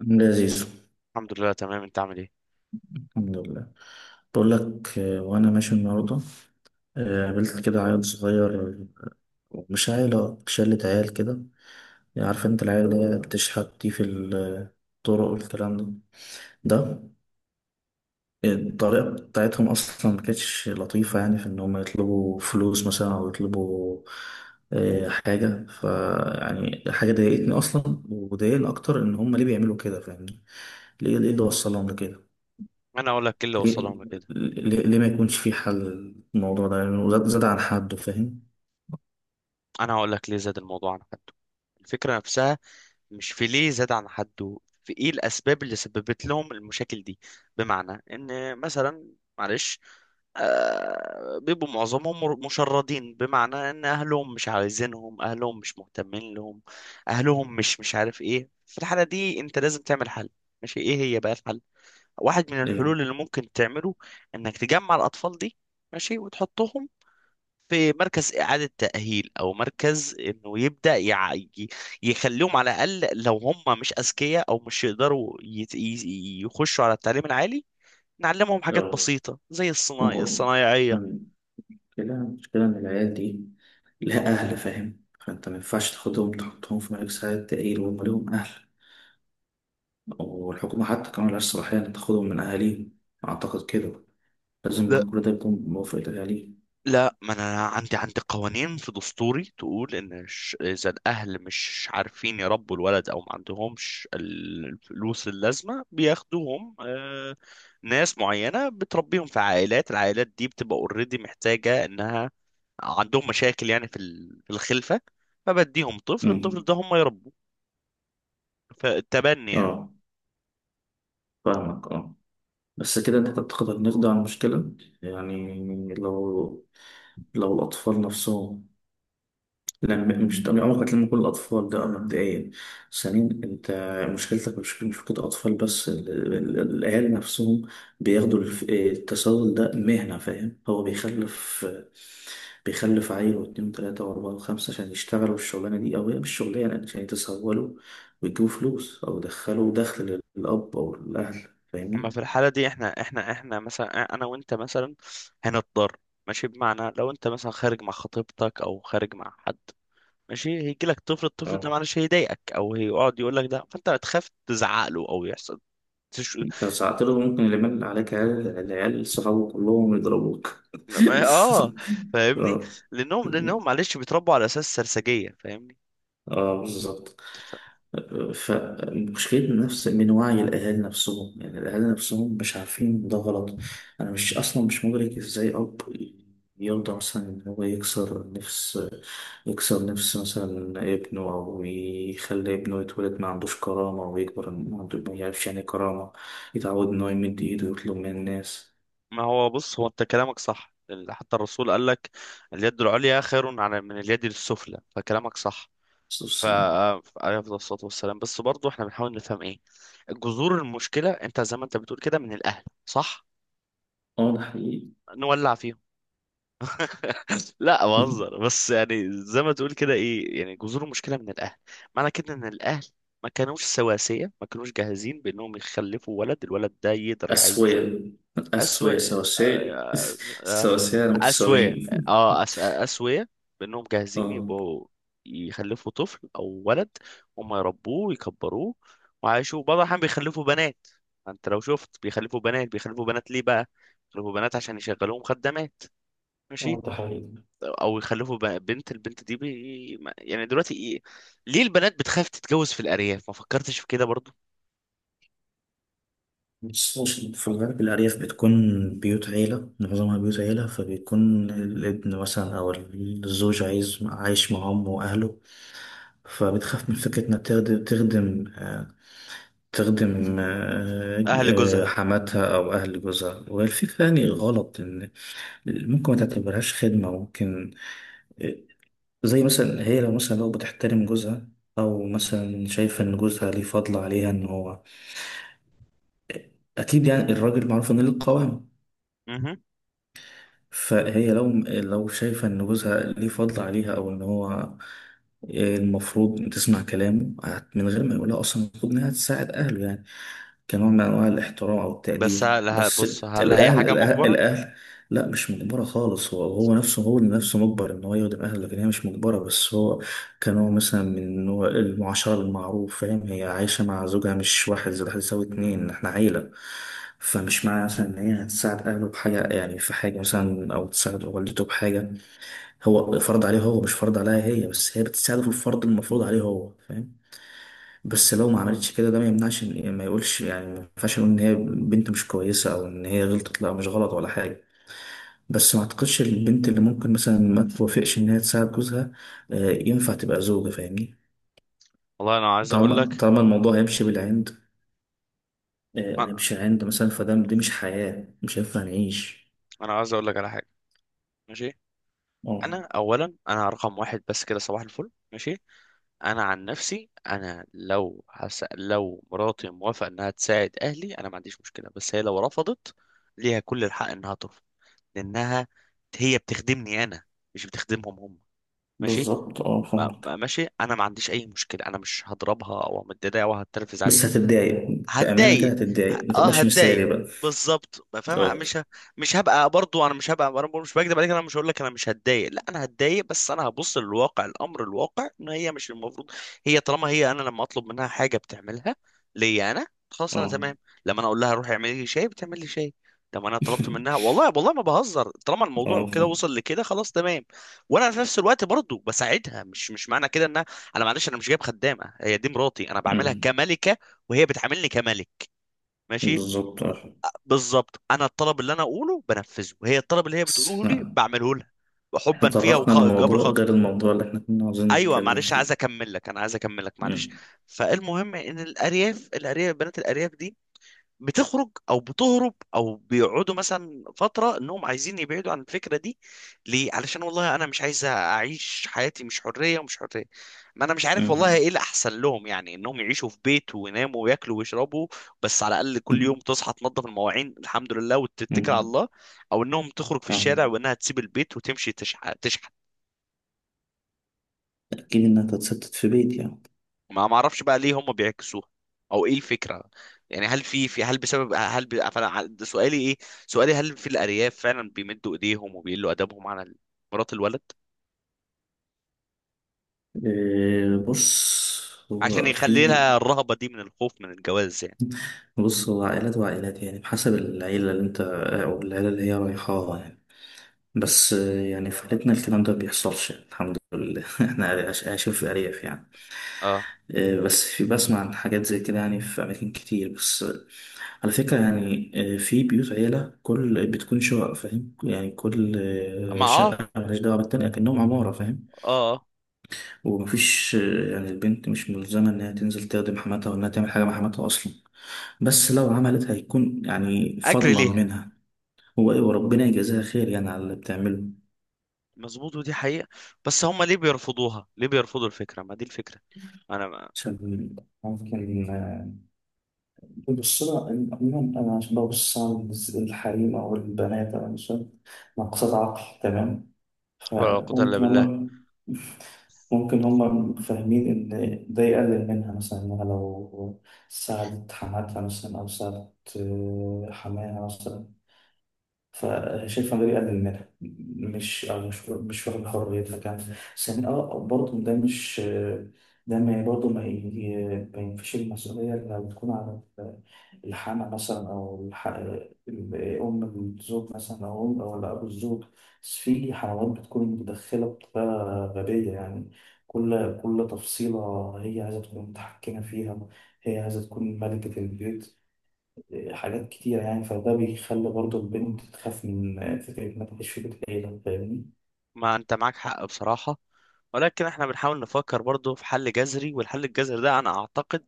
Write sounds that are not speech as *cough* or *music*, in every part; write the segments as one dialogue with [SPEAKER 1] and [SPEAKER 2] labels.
[SPEAKER 1] لذيذ.
[SPEAKER 2] الحمد لله، تمام. انت عامل ايه؟
[SPEAKER 1] الحمد لله. بقول لك، وانا ماشي النهارده. قابلت كده عيل صغير، مش عيلة، شلة عيال كده. يعني عارف انت العيال اللي هي بتشحت دي في الطرق والكلام ده. ده الطريقة بتاعتهم أصلا ما كانتش لطيفة، يعني في إن هم يطلبوا فلوس مثلا أو يطلبوا حاجة، يعني حاجة ضايقتني أصلا، وضايقني أكتر إن هم ليه بيعملوا كده، فاهمني؟ ليه اللي وصلهم لكده؟
[SPEAKER 2] انا اقول لك ايه اللي
[SPEAKER 1] ليه,
[SPEAKER 2] وصلهم لكده.
[SPEAKER 1] ليه ما يكونش في حل للموضوع ده؟ يعني زاد عن حده، فاهم؟
[SPEAKER 2] انا هقول لك ليه زاد الموضوع عن حده. الفكره نفسها مش في ليه زاد عن حده، في ايه الاسباب اللي سببت لهم المشاكل دي؟ بمعنى ان مثلا، معلش، بيبقوا معظمهم مشردين، بمعنى ان اهلهم مش عايزينهم، اهلهم مش مهتمين لهم، اهلهم مش عارف ايه. في الحاله دي انت لازم تعمل حل. ماشي، ايه هي بقى الحل؟ واحد من
[SPEAKER 1] ايه.
[SPEAKER 2] الحلول اللي ممكن تعمله انك تجمع الاطفال دي، ماشي، وتحطهم في مركز إعادة تأهيل أو مركز إنه يبدأ يخليهم، على الأقل لو هم مش أذكياء أو مش يقدروا يخشوا على التعليم العالي، نعلمهم حاجات
[SPEAKER 1] اه.
[SPEAKER 2] بسيطة زي
[SPEAKER 1] ما
[SPEAKER 2] الصناعي،
[SPEAKER 1] هو
[SPEAKER 2] الصنايعية.
[SPEAKER 1] المشكلة المشكلة إن العيال دي لها أهل، فاهم؟ فأنت ما ينفعش تاخدهم تحطهم في ملك سعادة تقيل وهم ليهم أهل. والحكومة حتى كمان ملهاش صلاحية إن تاخدهم من أهاليهم، أعتقد كده. لازم كل ده يكون بموافقة أهاليهم.
[SPEAKER 2] لا، ما انا عندي قوانين في دستوري تقول ان، اذا الاهل مش عارفين يربوا الولد او ما عندهمش الفلوس اللازمه، بياخدوهم. ناس معينه بتربيهم في عائلات، العائلات دي بتبقى اوريدي، محتاجه انها، عندهم مشاكل يعني في الخلفه، فبديهم طفل، الطفل
[SPEAKER 1] أمم.
[SPEAKER 2] ده هم يربوه. فالتبني يعني.
[SPEAKER 1] اه، فاهمك. اه، بس كده أنت تعتقد هنقضي على المشكلة؟ يعني، لو لو الأطفال نفسهم، لما مش طبيعي عمرك ما تلم كل الأطفال ده مبدئيا. ثانيا أنت مشكلتك مش مشكلة أطفال بس، الأهالي نفسهم بياخدوا التسول ده مهنة، فاهم؟ هو بيخلف عيل واتنين وتلاتة وأربعة وخمسة عشان يشتغلوا الشغلانة دي، أو هي مش شغلانة يعني، عشان يتسولوا ويجيبوا فلوس أو يدخلوا دخل للأب أو الأهل،
[SPEAKER 2] اما
[SPEAKER 1] فاهمني؟
[SPEAKER 2] في الحاله دي احنا مثلا، انا وانت مثلا، هنضطر، ماشي. بمعنى لو انت مثلا خارج مع خطيبتك او خارج مع حد، ماشي، هيجي لك طفل، الطفل ده
[SPEAKER 1] اه.
[SPEAKER 2] معلش هيضايقك او هيقعد يقول لك ده، فانت هتخاف تزعق له او يحصل تش...
[SPEAKER 1] لو ساعات له ممكن اللي مل عليك العيال صحابه كلهم يضربوك.
[SPEAKER 2] اه،
[SPEAKER 1] *laughs*
[SPEAKER 2] فاهمني.
[SPEAKER 1] اه.
[SPEAKER 2] لانهم معلش بيتربوا على اساس سرسجية، فاهمني.
[SPEAKER 1] اه، بالظبط.
[SPEAKER 2] ف-
[SPEAKER 1] فمشكلة نفس من وعي الأهالي نفسهم، يعني الأهالي نفسهم مش عارفين ده غلط. أنا مش أصلا مش مدرك إزاي أب يرضى مثلا إن هو يكسر نفس، يكسر نفس مثلا ابنه، أو يخلي ابنه يتولد ما عندوش كرامة ويكبر ما عنده ما يعرفش يعني إيه كرامة، يتعود إن هو يمد إيده ويطلب من الناس.
[SPEAKER 2] ما هو بص، هو انت كلامك صح، لأن حتى الرسول قال لك: اليد العليا خير على من اليد السفلى، فكلامك صح.
[SPEAKER 1] بس
[SPEAKER 2] ف
[SPEAKER 1] بس-
[SPEAKER 2] عليه أفضل الصلاة والسلام، بس برضه احنا بنحاول نفهم ايه جذور المشكلة. انت زي ما انت بتقول كده، من الاهل، صح؟
[SPEAKER 1] اه، ده حقيقي.
[SPEAKER 2] نولع فيهم، لا
[SPEAKER 1] *laughs*
[SPEAKER 2] بهزر، بس يعني زي ما تقول كده، ايه يعني جذور المشكله من الاهل؟ معنى كده ان الاهل ما كانوش سواسيه، ما كانوش جاهزين بانهم يخلفوا ولد، الولد ده يقدر يعيش.
[SPEAKER 1] أسوية.
[SPEAKER 2] اسوية،
[SPEAKER 1] سواسية. *laughs* سواسية،
[SPEAKER 2] اسوية، اه،
[SPEAKER 1] متساويين.
[SPEAKER 2] اسوية، بانهم جاهزين
[SPEAKER 1] اه.
[SPEAKER 2] يبقوا يخلفوا طفل او ولد، هم يربوه ويكبروه وعايشوه. بعض الاحيان بيخلفوا بنات، انت لو شفت بيخلفوا بنات. بيخلفوا بنات ليه بقى؟ بيخلفوا بنات عشان يشغلوهم خدامات،
[SPEAKER 1] اه،
[SPEAKER 2] ماشي،
[SPEAKER 1] ده حقيقي.
[SPEAKER 2] او يخلفوا بنت، البنت دي بي... ما- يعني دلوقتي إيه؟ ليه البنات بتخاف تتجوز في الارياف؟ ما فكرتش في كده برضو؟
[SPEAKER 1] بس بص، في الغالب الأرياف بتكون بيوت عيلة، معظمها بيوت عيلة، فبيكون الابن مثلا أو الزوج عايز عايش مع أمه وأهله، فبتخاف من فكرة إنها تخدم تخدم آه، تخدم آه،
[SPEAKER 2] اهل
[SPEAKER 1] آه،
[SPEAKER 2] جوزها.
[SPEAKER 1] حماتها أو أهل جوزها، والفكرة يعني غلط. إن ممكن ما تعتبرهاش خدمة، ممكن آه، زي مثلا هي لو بتحترم جوزها، أو مثلا شايفة إن جوزها ليه فضل عليها، إن هو أكيد يعني، الراجل معروف إنه ليه القوام.
[SPEAKER 2] مهم.
[SPEAKER 1] فهي لو شايفة إن جوزها ليه فضل عليها، أو إن هو المفروض تسمع كلامه، من غير ما يقولها أصلا المفروض إنها تساعد أهله، يعني كنوع من أنواع الاحترام أو
[SPEAKER 2] بس
[SPEAKER 1] التقدير بس.
[SPEAKER 2] بص، هل هي حاجه مجبره؟
[SPEAKER 1] الأهل، لا، مش مجبرة خالص. هو
[SPEAKER 2] خلاص.
[SPEAKER 1] نفسه، هو اللي نفسه مجبر إن هو يخدم أهله، لكن هي مش مجبرة. بس هو كان هو مثلا من نوع المعاشرة بالمعروف، فاهم؟ هي عايشة مع زوجها، مش واحد زائد واحد يساوي اتنين، احنا عيلة. فمش معنى مثلا إن هي هتساعد أهله بحاجة، يعني في حاجة مثلا أو تساعد والدته بحاجة، هو فرض عليه، هو مش فرض عليها هي، بس هي بتساعده في الفرض المفروض عليه هو، فاهم؟ بس لو ما عملتش كده، ده ما يمنعش يعني ما يقولش، يعني ما ينفعش نقول إن هي بنت مش كويسة، أو إن هي غلطت، لا، مش غلط ولا حاجة. بس ما أعتقدش البنت اللي ممكن مثلا ما توافقش إن هي تساعد جوزها ينفع تبقى زوجة، فاهمني؟
[SPEAKER 2] والله انا عايز اقول
[SPEAKER 1] طالما
[SPEAKER 2] لك،
[SPEAKER 1] طالما الموضوع هيمشي بالعند،
[SPEAKER 2] انا
[SPEAKER 1] هيمشي عند مثلا، فده دي مش حياة، مش هينفع نعيش.
[SPEAKER 2] أنا عايز اقول لك على حاجه، ماشي.
[SPEAKER 1] اه،
[SPEAKER 2] انا اولا، انا رقم واحد بس كده، صباح الفل، ماشي. انا عن نفسي انا، لو مراتي موافقه انها تساعد اهلي انا ما عنديش مشكله، بس هي لو رفضت، ليها كل الحق انها ترفض، لانها هي بتخدمني انا، مش بتخدمهم هم، ماشي.
[SPEAKER 1] بالظبط. اه،
[SPEAKER 2] بقى
[SPEAKER 1] فاهمك.
[SPEAKER 2] بقى ماشي، انا ما عنديش اي مشكله، انا مش هضربها او امددها او هتنرفز عليها.
[SPEAKER 1] بس هتتضايق، بأمانة كده
[SPEAKER 2] هتضايق،
[SPEAKER 1] هتتضايق، ما
[SPEAKER 2] اه،
[SPEAKER 1] تبقاش مثالي
[SPEAKER 2] هتضايق،
[SPEAKER 1] بقى.
[SPEAKER 2] بالظبط. ما فاهم،
[SPEAKER 1] بالظبط،
[SPEAKER 2] مش هبقى برضو، انا مش هبقى، انا برضو مش بكذب عليك، انا مش هقول لك انا مش هتضايق، لا انا هتضايق، بس انا هبص للواقع، الامر الواقع ان هي مش المفروض. هي طالما هي انا لما اطلب منها حاجه بتعملها ليا انا، خلاص انا
[SPEAKER 1] اه.
[SPEAKER 2] تمام. لما انا اقول لها روحي اعملي لي شاي، بتعمل لي شاي. طب انا طلبت منها،
[SPEAKER 1] *laughs*
[SPEAKER 2] والله والله ما بهزر، طالما الموضوع
[SPEAKER 1] اه،
[SPEAKER 2] كده
[SPEAKER 1] فاهم.
[SPEAKER 2] وصل لكده، خلاص تمام. وانا في نفس الوقت برضو بساعدها، مش معنى كده انها، انا معلش انا مش جايب خدامه، هي دي مراتي، انا بعملها
[SPEAKER 1] أمم.
[SPEAKER 2] كملكه وهي بتعاملني كملك، ماشي،
[SPEAKER 1] بالظبط، اه.
[SPEAKER 2] بالظبط. انا الطلب اللي انا اقوله بنفذه، وهي الطلب اللي هي
[SPEAKER 1] بس
[SPEAKER 2] بتقوله لي
[SPEAKER 1] احنا
[SPEAKER 2] بعمله لها
[SPEAKER 1] احنا
[SPEAKER 2] حبا فيها
[SPEAKER 1] طرقنا
[SPEAKER 2] وجبر
[SPEAKER 1] لموضوع
[SPEAKER 2] خطأ.
[SPEAKER 1] غير الموضوع اللي احنا كنا عاوزين
[SPEAKER 2] ايوه،
[SPEAKER 1] نتكلم
[SPEAKER 2] معلش، عايز
[SPEAKER 1] فيه.
[SPEAKER 2] اكمل لك، انا عايز اكمل لك، معلش.
[SPEAKER 1] أمم.
[SPEAKER 2] فالمهم ان الارياف، بنات الارياف دي بتخرج او بتهرب او بيقعدوا مثلا فتره انهم عايزين يبعدوا عن الفكره دي. ليه؟ علشان والله انا مش عايز اعيش حياتي مش حريه، ومش حريه. ما انا مش عارف والله
[SPEAKER 1] أمم.
[SPEAKER 2] ايه الاحسن لهم، يعني انهم يعيشوا في بيت ويناموا وياكلوا ويشربوا، بس على الاقل كل يوم تصحى تنظف المواعين الحمد لله وتتكل على
[SPEAKER 1] أمم.
[SPEAKER 2] الله، او انهم تخرج في الشارع
[SPEAKER 1] فاهم.
[SPEAKER 2] وانها تسيب البيت وتمشي تشحت.
[SPEAKER 1] أكيد إنها تتستت في بيت، يعني.
[SPEAKER 2] ما اعرفش بقى ليه هم بيعكسوها، او ايه الفكره؟ يعني هل في، هل بسبب، هل فانا ده سؤالي، ايه سؤالي؟ هل في الارياف فعلا بيمدوا ايديهم وبيقلوا ادبهم على مرات الولد،
[SPEAKER 1] إيه بص
[SPEAKER 2] عشان
[SPEAKER 1] هو
[SPEAKER 2] يخلي
[SPEAKER 1] في
[SPEAKER 2] لها الرهبه دي من الخوف من الجواز يعني؟
[SPEAKER 1] بص، هو عائلات وعائلات، يعني بحسب العيلة اللي انت، او العيلة اللي هي رايحاها يعني. بس يعني في عيلتنا الكلام ده بيحصلش يعني، الحمد لله. *laughs* احنا عايشين في ارياف يعني.
[SPEAKER 2] اه،
[SPEAKER 1] بس في، بسمع عن حاجات زي كده يعني في اماكن كتير، بس على فكرة يعني، في بيوت عيلة، كل بتكون شقق، فاهم يعني؟ كل
[SPEAKER 2] ما، اه،
[SPEAKER 1] شقة مالهاش دعوة بالتانية، كأنهم عمارة، فاهم؟
[SPEAKER 2] اه،
[SPEAKER 1] ومفيش يعني، البنت مش ملزمة إنها تنزل تخدم حماتها، وإنها تعمل حاجة مع حماتها أصلا، بس لو عملت هيكون يعني
[SPEAKER 2] اجري
[SPEAKER 1] فضلا
[SPEAKER 2] ليها،
[SPEAKER 1] منها. هو إيه، وربنا يجازيها خير يعني على اللي بتعمله.
[SPEAKER 2] مظبوط، ودي حقيقه. بس هم ليه بيرفضوها؟ ليه بيرفضوا الفكره؟ ما دي الفكره، انا ما،
[SPEAKER 1] عشان ممكن بص لها عموما أنا عشان ببص على الحريم أو البنات أو النساء ناقصات عقل، تمام؟
[SPEAKER 2] ولا قوه الا
[SPEAKER 1] فممكن
[SPEAKER 2] بالله.
[SPEAKER 1] هما، ممكن هما فاهمين إن ده يقلل منها مثلا، إنها لو ساعدت حماتها مثلا، أو ساعدت حماها مثلا، فشايف فان داير يقلل منها، مش أو مش واخد حريتها كمان. ثانيا اه، برضه ده مش، ده ما برضه ما ينفيش المسؤولية لو تكون على الحامة مثلا، أو أم الزوج مثلا، أو أم أو أبو الزوج. بس في حموات بتكون متدخلة بطريقة غبية يعني، كل تفصيلة هي عايزة تكون متحكمة فيها، هي عايزة تكون ملكة البيت، حاجات كتير يعني، فده بيخلي برضه البنت تخاف من فكرة إنها تعيش في بيت عيلة، فاهمني؟
[SPEAKER 2] ما انت معاك حق بصراحة، ولكن احنا بنحاول نفكر برضو في حل جذري، والحل الجذري ده انا اعتقد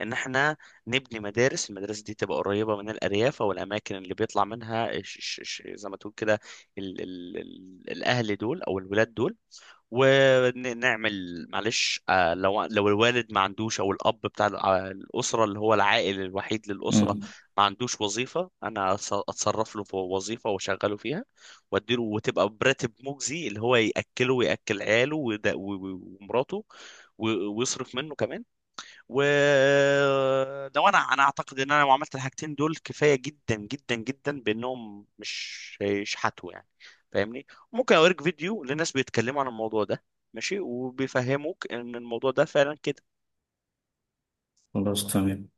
[SPEAKER 2] ان احنا نبني مدارس، المدارس دي تبقى قريبة من الارياف او الاماكن اللي بيطلع منها، ش ش ش زي ما تقول كده، ال ال ال الاهل دول او الولاد دول، ونعمل معلش، لو الوالد ما عندوش او الاب بتاع الاسره اللي هو العائل الوحيد للاسره، ما عندوش وظيفه، انا اتصرف له في وظيفه واشغله فيها، واديله وتبقى براتب مجزي اللي هو ياكله وياكل عياله ومراته، ويصرف منه كمان. ولو انا اعتقد ان انا لو عملت الحاجتين دول، كفايه جدا جدا جدا بانهم مش هيشحتوا يعني، فاهمني. ممكن اوريك فيديو لناس بيتكلموا عن الموضوع ده، ماشي، وبيفهموك ان الموضوع ده فعلا كده.
[SPEAKER 1] خلاص، تمام.